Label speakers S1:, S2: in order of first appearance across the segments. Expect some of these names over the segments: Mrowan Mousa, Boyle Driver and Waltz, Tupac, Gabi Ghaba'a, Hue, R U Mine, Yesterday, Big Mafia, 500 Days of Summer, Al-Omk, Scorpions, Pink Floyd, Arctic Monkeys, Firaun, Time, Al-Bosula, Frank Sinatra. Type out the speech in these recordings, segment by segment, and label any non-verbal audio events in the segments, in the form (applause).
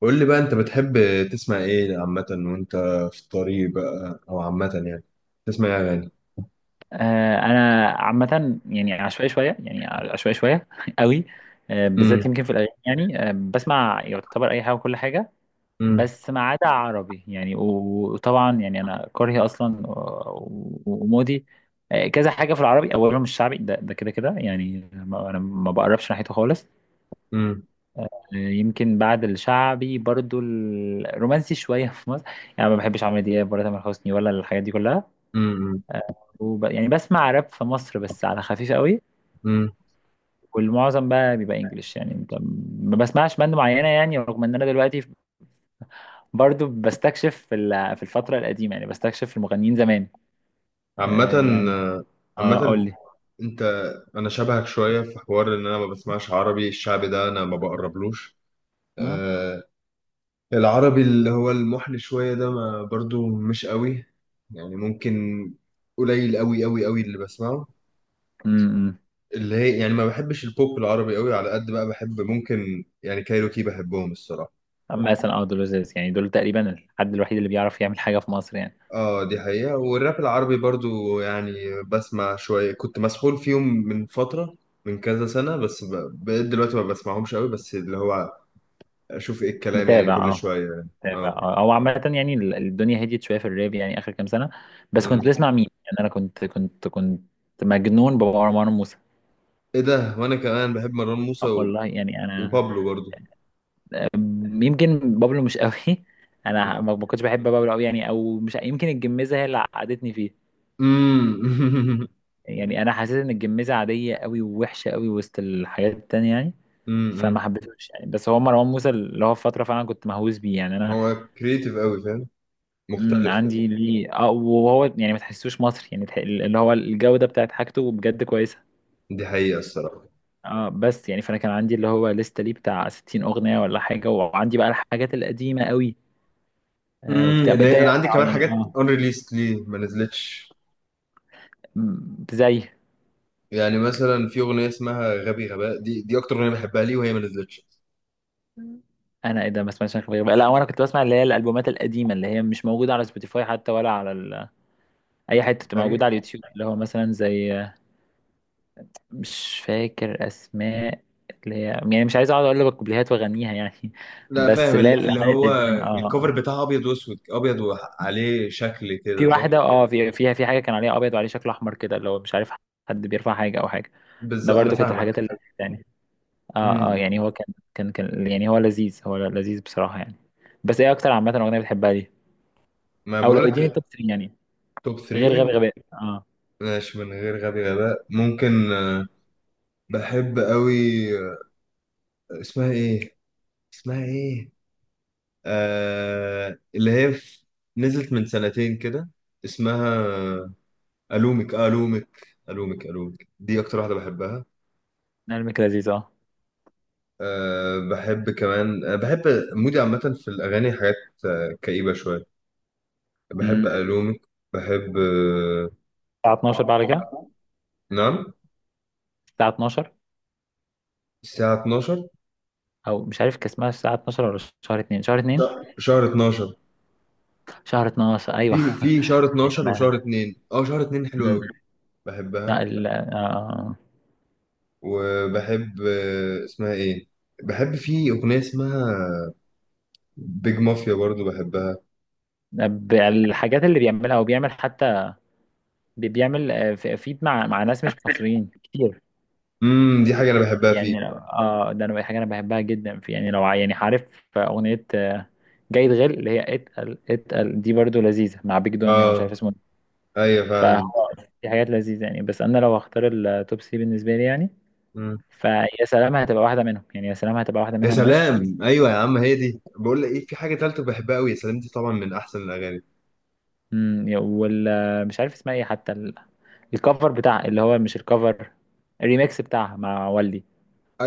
S1: قول لي بقى انت بتحب تسمع ايه عامة؟ وانت في الطريق بقى او عامة يعني تسمع ايه اغاني؟
S2: انا عامه يعني عشوائي شويه يعني عشوائي شويه (laughs) قوي.
S1: امم.
S2: بالذات يمكن في الاغاني يعني بسمع يعتبر اي حاجه وكل حاجه،
S1: امم.
S2: بس ما عدا عربي يعني وطبعا يعني انا كرهي اصلا ومودي. كذا حاجه في العربي، اولهم الشعبي، ده كده كده يعني انا ما بقربش ناحيته خالص.
S1: امم.
S2: يمكن بعد الشعبي برضو الرومانسي شويه (laughs) في مصر، يعني ما بحبش عمرو دياب ولا تامر حسني ولا الحاجات دي كلها.
S1: امم.
S2: يعني بسمع راب في مصر بس على خفيف قوي،
S1: امم.
S2: والمعظم بقى بيبقى انجلش يعني. انت ما بسمعش باند معينه يعني، رغم ان انا دلوقتي برضو بستكشف في في الفتره القديمه، يعني بستكشف في المغنيين زمان. آه
S1: عامة
S2: يعني، آه قول
S1: عامة
S2: لي.
S1: انت انا شبهك شوية في حوار ان انا ما بسمعش عربي، الشعبي ده انا ما بقربلوش.
S2: م-
S1: آه. العربي اللي هو المحن شوية ده ما برضو مش قوي، يعني ممكن قليل قوي قوي قوي اللي بسمعه،
S2: م- م.
S1: اللي هي يعني ما بحبش البوب العربي قوي، على قد بقى بحب ممكن يعني كايروكي، بحبهم الصراحة.
S2: مثلا اه دول لذيذ يعني، دول تقريبا الحد الوحيد اللي بيعرف يعمل حاجه في مصر يعني.
S1: اه، دي حقيقة. والراب العربي برضو يعني بسمع شوية، كنت مسحول فيهم من فترة، من كذا سنة، بس بقيت دلوقتي ما بسمعهمش قوي، بس اللي هو اشوف ايه الكلام يعني
S2: متابع
S1: كل
S2: اه،
S1: شوية يعني.
S2: متابع
S1: اه.
S2: اه، او عامه يعني الدنيا هديت شويه في الراب يعني، اخر كام سنه. بس كنت
S1: أمم.
S2: بسمع مين؟ يعني انا كنت مجنون بمروان موسى.
S1: ايه ده، وانا كمان بحب مروان موسى
S2: والله يعني انا
S1: وبابلو برضو.
S2: يمكن بابلو مش قوي. (laughs) انا
S1: أمم.
S2: ما كنتش بحب بابلو قوي يعني، او مش يمكن الجميزه هي اللي عقدتني فيه،
S1: أمم. (laughs)
S2: يعني انا حسيت ان الجميزه عاديه قوي ووحشه قوي وسط الحياه التانية يعني. فما
S1: أمم.
S2: حبيتهوش يعني، بس هو مروان موسى اللي هو في فتره فعلا كنت مهووس بيه يعني انا.
S1: هو كريتيف قوي، فاهم، مختلف كده.
S2: عندي ليه اه، وهو يعني ما تحسوش مصري يعني، اللي هو الجوده بتاعت حاجته بجد كويسه.
S1: دي حقيقة الصراحة.
S2: اه بس يعني فانا كان عندي اللي هو لسه ليه بتاع 60 اغنيه ولا حاجه، وعندي بقى الحاجات القديمه قوي. آه وبتاع ده
S1: انا عندي
S2: يقطع
S1: كمان
S2: يعني
S1: حاجات
S2: اه.
S1: unreleased، ليه ما نزلتش؟
S2: زي
S1: يعني مثلا في اغنيه اسمها غبي غباء، دي اكتر اغنيه بحبها ليه وهي ما نزلتش.
S2: مم. انا ايه ده؟ ما سمعتش عن خليجي بقى. لا وانا كنت بسمع اللي هي الالبومات القديمه اللي هي مش موجوده على سبوتيفاي حتى ولا على اي حته بتبقى
S1: فاهم.
S2: موجوده على اليوتيوب، اللي هو مثلا زي، مش فاكر اسماء، اللي هي يعني مش عايز اقعد اقول لك الكوبليهات واغنيها يعني (laughs)
S1: لا
S2: بس
S1: فاهم،
S2: اللي هي
S1: اللي
S2: الاغاني
S1: هو
S2: القديمه اه
S1: الكوفر
S2: آه.
S1: بتاعها ابيض واسود، ابيض وعليه شكل
S2: في
S1: كده، صح؟
S2: واحده اه فيها حاجه كان عليها ابيض وعليه شكل احمر كده، اللي هو مش عارف، حد بيرفع حاجه او حاجه.
S1: بالظبط
S2: ده
S1: انا
S2: برضو كانت
S1: فاهمك.
S2: الحاجات اللذيذه يعني. اه اه يعني
S1: امم.
S2: هو كان يعني، هو لذيذ، هو لذيذ بصراحه يعني. بس ايه اكتر عامه اغنيه بتحبها دي؟
S1: ما
S2: او لو اديني
S1: بقولك.
S2: التوب 3 يعني،
S1: توب
S2: غير غبي
S1: 3.
S2: غباء اه،
S1: ماشي، من غير غبي غباء ممكن بحب قوي. آه، اسمها ايه؟ اسمها ايه؟ اللي هي نزلت من سنتين كده، اسمها الومك، الومك الومك الومك، دي اكتر واحده بحبها.
S2: نعمل لذيذ اه.
S1: بحب كمان، بحب مودي عامة في الأغاني حاجات، كئيبة شوية، بحب
S2: امم،
S1: ألومك، بحب.
S2: الساعة 12 بعد كده،
S1: نعم.
S2: الساعة 12،
S1: الساعة 12.
S2: او مش عارف كان اسمها الساعة 12 ولا شهر 2، شهر 2،
S1: شهر 12.
S2: شهر 12 ايوه.
S1: في
S2: (laughs)
S1: في شهر 12
S2: احنا
S1: وشهر 2، شهر 2 حلو قوي،
S2: امم لا
S1: بحبها. وبحب اسمها ايه. بحب في أغنية اسمها بيج مافيا برضو، بحبها.
S2: الحاجات اللي بيعملها او بيعمل حتى، بيعمل فيد مع ناس مش مصريين كتير.
S1: دي حاجة أنا بحبها فيه.
S2: يعني اه ده انا حاجة انا بحبها جدا في يعني لو يعني عارف اغنية جيد غل، اللي هي اتقل اتقل دي برضو لذيذة مع بيج دوني ولا مش عارف
S1: اه،
S2: اسمه.
S1: ايوه فعلا.
S2: فهو في حاجات لذيذة يعني، بس أنا لو هختار التوب 3 بالنسبة لي يعني، فيا سلام هتبقى واحدة منهم يعني، يا سلام هتبقى واحدة
S1: يا
S2: منهم، وش
S1: سلام، ايوه يا عم، هي دي، بقول لك ايه، في حاجه تالته بحبها قوي، يا سلام، دي طبعا من احسن الاغاني.
S2: مم، وال مش عارف اسمها ايه حتى الكفر بتاع، اللي هو مش الكفر، الريميكس بتاعها مع والدي.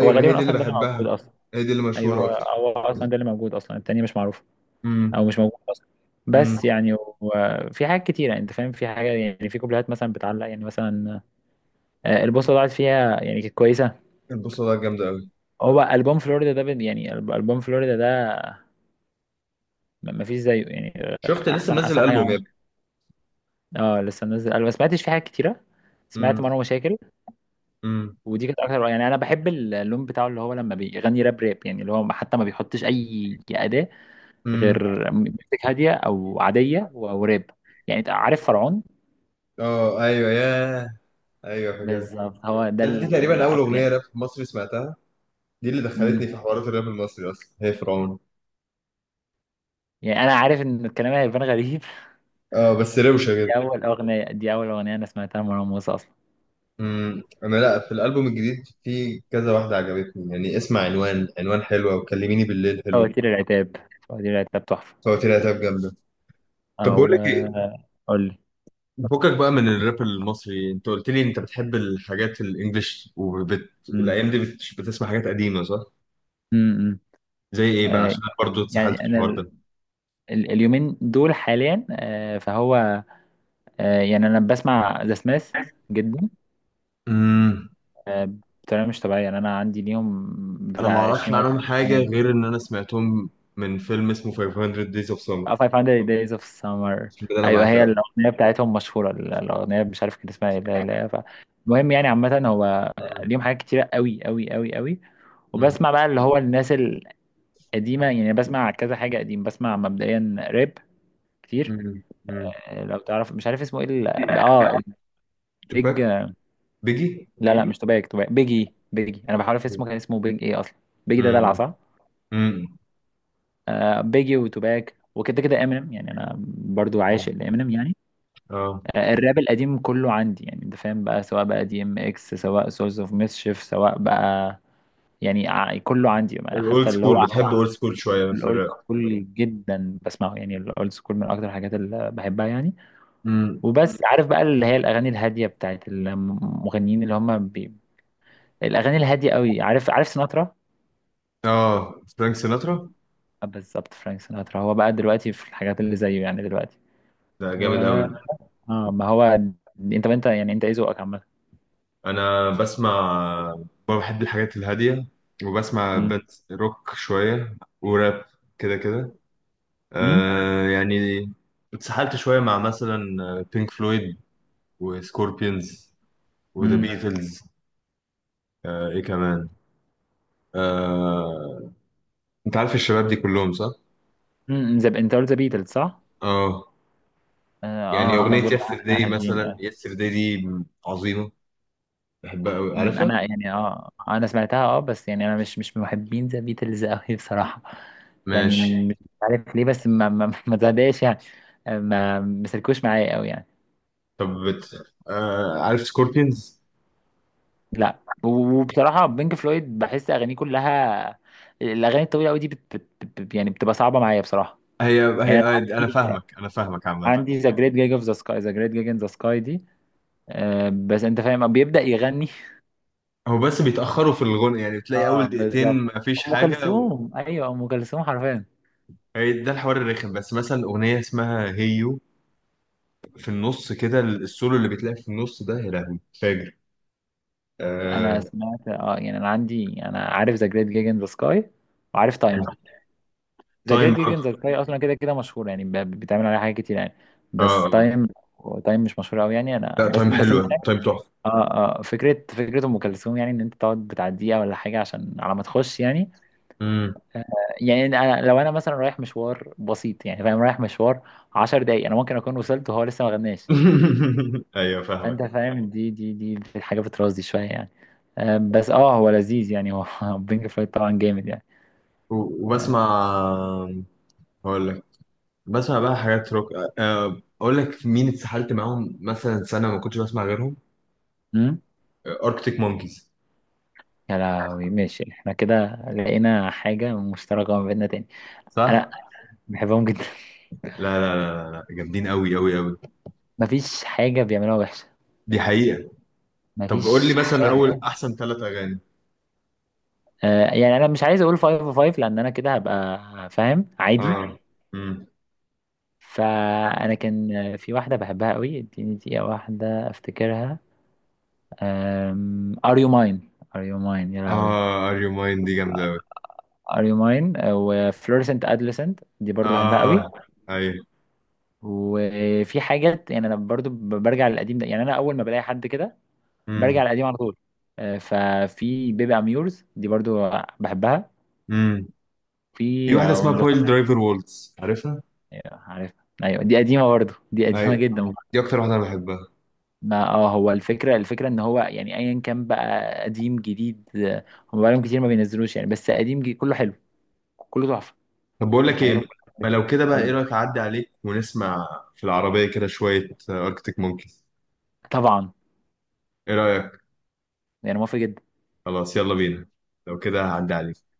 S2: هو
S1: ما هي
S2: غالبا
S1: دي اللي
S2: اصلا ده اللي موجود
S1: بحبها.
S2: اصلا.
S1: هي دي اللي
S2: ايوه
S1: مشهوره
S2: هو
S1: اكتر.
S2: هو اصلا ده اللي موجود اصلا، التاني مش معروف
S1: امم.
S2: او مش موجود اصلا.
S1: امم.
S2: بس يعني وفي حاجات كتيره، انت فاهم، في حاجه يعني، في كوبليهات مثلا بتعلق يعني، مثلا البوصه ضاعت فيها يعني، كانت كويسه.
S1: البوصله ده جامده قوي.
S2: هو ألبوم فلوريدا ده يعني ألبوم فلوريدا ده مفيش زيه يعني،
S1: شفت لسه
S2: أحسن
S1: منزل
S2: أحسن حاجة
S1: البوم يا
S2: عمل.
S1: ابني؟
S2: اه لسه منزل، أنا ما سمعتش فيه حاجات كتيرة. سمعت
S1: امم.
S2: مرة مشاكل،
S1: امم.
S2: ودي كانت أكتر. يعني أنا بحب اللون بتاعه اللي هو لما بيغني راب يعني، اللي هو حتى ما بيحطش أي أداة
S1: امم.
S2: غير ميوزك هادية أو عادية وراب. يعني أنت عارف فرعون؟
S1: اه، ايوه ايوه فاكرها.
S2: بالظبط، هو ده
S1: دي تقريبا اول اغنيه
S2: يعني
S1: راب مصري سمعتها، دي اللي
S2: مم.
S1: دخلتني في حوارات الراب المصري اصلا، هي فرعون.
S2: يعني أنا عارف إن الكلام هيبان غريب. (laughs)
S1: اه، بس روشه
S2: دي
S1: جدا.
S2: أول أغنية، دي أول أغنية أنا سمعتها لمروان موسى أصلا.
S1: انا لا، في الالبوم الجديد في كذا واحده عجبتني، يعني اسمع عنوان، عنوان حلوه وكلميني بالليل حلوه.
S2: فواتير العتاب، فواتير العتاب تحفة،
S1: فهو لي هتبقى جامدة. طب بقول
S2: او
S1: لك ايه.
S2: قول لي.
S1: فكك بقى من الراب المصري، انت قلت لي انت بتحب الحاجات الانجليش
S2: امم،
S1: الايام دي بتسمع حاجات قديمة، صح؟
S2: إمم.
S1: زي ايه بقى؟
S2: آه،
S1: عشان انا برضه اتسحلت
S2: يعني
S1: في
S2: انا
S1: الحوار ده.
S2: اليومين دول حاليا فهو يعني انا بسمع ذا سميث جدا،
S1: امم
S2: آه، بطريقه مش طبيعيه يعني. انا عندي اليوم
S1: انا ما
S2: بتاع
S1: اعرفش
S2: 20 مره
S1: عنهم حاجة
S2: اغنيه
S1: غير ان انا سمعتهم من فيلم اسمه 500 Days of Summer.
S2: 500 Days of Summer.
S1: الفيلم ده انا
S2: ايوه هي
S1: بعشقه.
S2: الاغنيه بتاعتهم مشهوره، الاغنيه مش عارف كان اسمها ايه. لا المهم يعني، عامه هو
S1: مم.
S2: اليوم حاجات كتيره قوي قوي قوي قوي،
S1: مم.
S2: وبسمع بقى اللي هو الناس القديمه يعني، بسمع كذا حاجه قديم، بسمع مبدئيا راب كتير.
S1: مم. مم.
S2: لو تعرف مش عارف اسمه ايه اه،
S1: توباك.
S2: البيج.
S1: بيجي.
S2: لا مش توباك، توباك بيجي بيجي، انا بحاول في اسمه، كان اسمه بيج ايه اصلا؟ بيجي ده دلع
S1: مم.
S2: صح.
S1: مم.
S2: آه بيجي وتوباك وكده كده امينيم، يعني انا برضو عاشق لامينيم يعني.
S1: اه
S2: آه الراب القديم كله عندي يعني، انت فاهم بقى، سواء بقى دي ام اكس، سواء سورس اوف ميسشيف، سواء بقى يعني كله عندي،
S1: الاولد
S2: حتى اللي هو
S1: سكول، بتحب اولد سكول شويه في
S2: الاولد
S1: الراب؟
S2: سكول جدا بسمعه يعني، الاولد سكول من اكتر الحاجات اللي بحبها يعني.
S1: مم.
S2: وبس عارف بقى اللي هي الاغاني الهاديه بتاعت المغنيين اللي هم الاغاني الهاديه قوي، عارف، عارف سيناترا؟
S1: اه، فرانك سيناترا.
S2: بالظبط فرانك سيناترا. هو بقى دلوقتي في الحاجات اللي زيه يعني دلوقتي،
S1: ده
S2: و
S1: جامد قوي.
S2: اه ما هو، انت يعني انت ايه ذوقك عامه؟
S1: انا بسمع، بحب الحاجات الهاديه، وبسمع
S2: امم
S1: بات روك شويه، وراب، كده كده.
S2: امم
S1: يعني اتسحلت شويه مع مثلا بينك فلويد وسكوربينز وذا
S2: امم
S1: بيتلز. ايه كمان، آه انت عارف الشباب دي كلهم، صح؟
S2: امم انت قلت ذا بيتلز صح؟
S1: اه
S2: اه
S1: يعني
S2: هما
S1: اغنيه
S2: دول
S1: يسترداي
S2: هادين
S1: مثلا،
S2: آه.
S1: يسترداي دي عظيمه، بحبها قوي،
S2: أمم،
S1: عارفها.
S2: انا يعني اه انا سمعتها اه، بس يعني انا مش من محبين ذا بيتلز قوي بصراحه يعني.
S1: ماشي.
S2: مش عارف ليه، بس ما زهداش يعني، ما مسلكوش معايا قوي يعني.
S1: طب عارف سكوربينز.
S2: لا وبصراحة بينك فلويد بحس أغانيه كلها، الأغاني الطويلة أوي دي يعني بتبقى صعبة معايا بصراحة،
S1: هي
S2: يعني
S1: هي
S2: أنا
S1: انا
S2: عندي،
S1: فاهمك، انا فاهمك عامه.
S2: عندي ذا جريت جيج اوف ذا سكاي، ذا جريت جيج ان ذا سكاي دي، آه بس أنت فاهم بيبدأ يغني.
S1: هو بس بيتاخروا في الغنى، يعني
S2: (laughs)
S1: بتلاقي اول
S2: اه
S1: دقيقتين
S2: بالظبط،
S1: مفيش
S2: أم
S1: حاجه.
S2: كلثوم أيوه، أم كلثوم حرفيا.
S1: هي ده الحوار الرخم، بس مثلا اغنيه اسمها هيو، في النص كده، السولو اللي بتلاقي في النص ده، يا لهوي فاجر.
S2: أنا
S1: آه.
S2: سمعت اه يعني، أنا عندي، أنا عارف ذا جريت جيج ان ذا سكاي وعارف تايم. ذا
S1: تايم
S2: جريت جيج ان
S1: برضه.
S2: ذا سكاي أصلا كده كده مشهور يعني، بيتعمل عليها حاجات كتير يعني،
S1: اه،
S2: بس
S1: آه.
S2: تايم، تايم مش مشهور أوي يعني أنا
S1: لا،
S2: بس
S1: تايم
S2: بس اه
S1: حلوه، تايم تحفه.
S2: اه، فكرة ام كلثوم يعني، ان انت تقعد بتاع دقيقة ولا حاجة عشان على ما تخش يعني.
S1: مم.
S2: آه، يعني انا لو انا مثلا رايح مشوار بسيط يعني، فاهم، رايح مشوار عشر دقايق، انا ممكن اكون وصلت وهو لسه ما غناش.
S1: (laughs) ايوه فاهمك.
S2: فانت فاهم، دي حاجة بترازي شوية يعني، بس اه هو لذيذ يعني هو، (laughs) بينك فلويد طبعا جامد يعني، آه،
S1: وبسمع. هقول لك. بسمع بقى حاجات روك، اقول لك مين اتسحلت معاهم، مثلا سنه ما كنتش بسمع غيرهم،
S2: امم.
S1: اركتيك مونكيز.
S2: يا لهوي ماشي، احنا كده لقينا حاجة مشتركة ما بيننا تاني.
S1: صح.
S2: انا بحبهم جدا.
S1: لا لا لا لا لا، جامدين قوي قوي قوي.
S2: (laughs) مفيش حاجة بيعملوها وحشة،
S1: دي حقيقة. طب قول لي
S2: مفيش
S1: مثلا اول
S2: حاجة.
S1: احسن 3 اغاني.
S2: يعني انا مش عايز اقول 5 لان انا كده هبقى، فاهم، عادي.
S1: اه. امم.
S2: فانا كان في واحده بحبها قوي، اديني دقيقه واحده افتكرها. ار يو ماين، ار يو ماين يا لهوي،
S1: اه، ار يو ماين دي جامدة قوي.
S2: ار يو ماين، وفلورسنت ادلسنت دي برضو بحبها
S1: اه،
S2: قوي.
S1: ايوه.
S2: وفي حاجات يعني انا برضو برجع للقديم ده يعني، انا اول ما بلاقي حد كده برجع
S1: امم.
S2: للقديم على طول. ففي بيبي اميورز دي برضو بحبها،
S1: امم. في
S2: في
S1: واحدة اسمها
S2: وينز،
S1: بويل درايفر وولتس، عارفها؟
S2: عارف؟ ايوه دي قديمه برضو، دي قديمه
S1: ايوه.
S2: جدا.
S1: دي اكتر واحدة انا بحبها.
S2: ما اه هو الفكرة، الفكرة ان هو يعني ايا كان بقى، قديم جديد هم بقالهم كتير ما بينزلوش يعني، بس قديم جديد كله حلو، كله تحفة،
S1: طب بقول
S2: يعني
S1: لك
S2: حاجاتهم
S1: ايه.
S2: كلها
S1: ما
S2: حلوة.
S1: لو كده
S2: أقول
S1: بقى، ايه
S2: لك.
S1: رايك اعدي عليك ونسمع في العربية كده شوية اركتيك مونكيز؟
S2: طبعا،
S1: ايه رايك؟
S2: يعني موافق جدا.
S1: خلاص يلا بينا، لو كده هعدي عليك.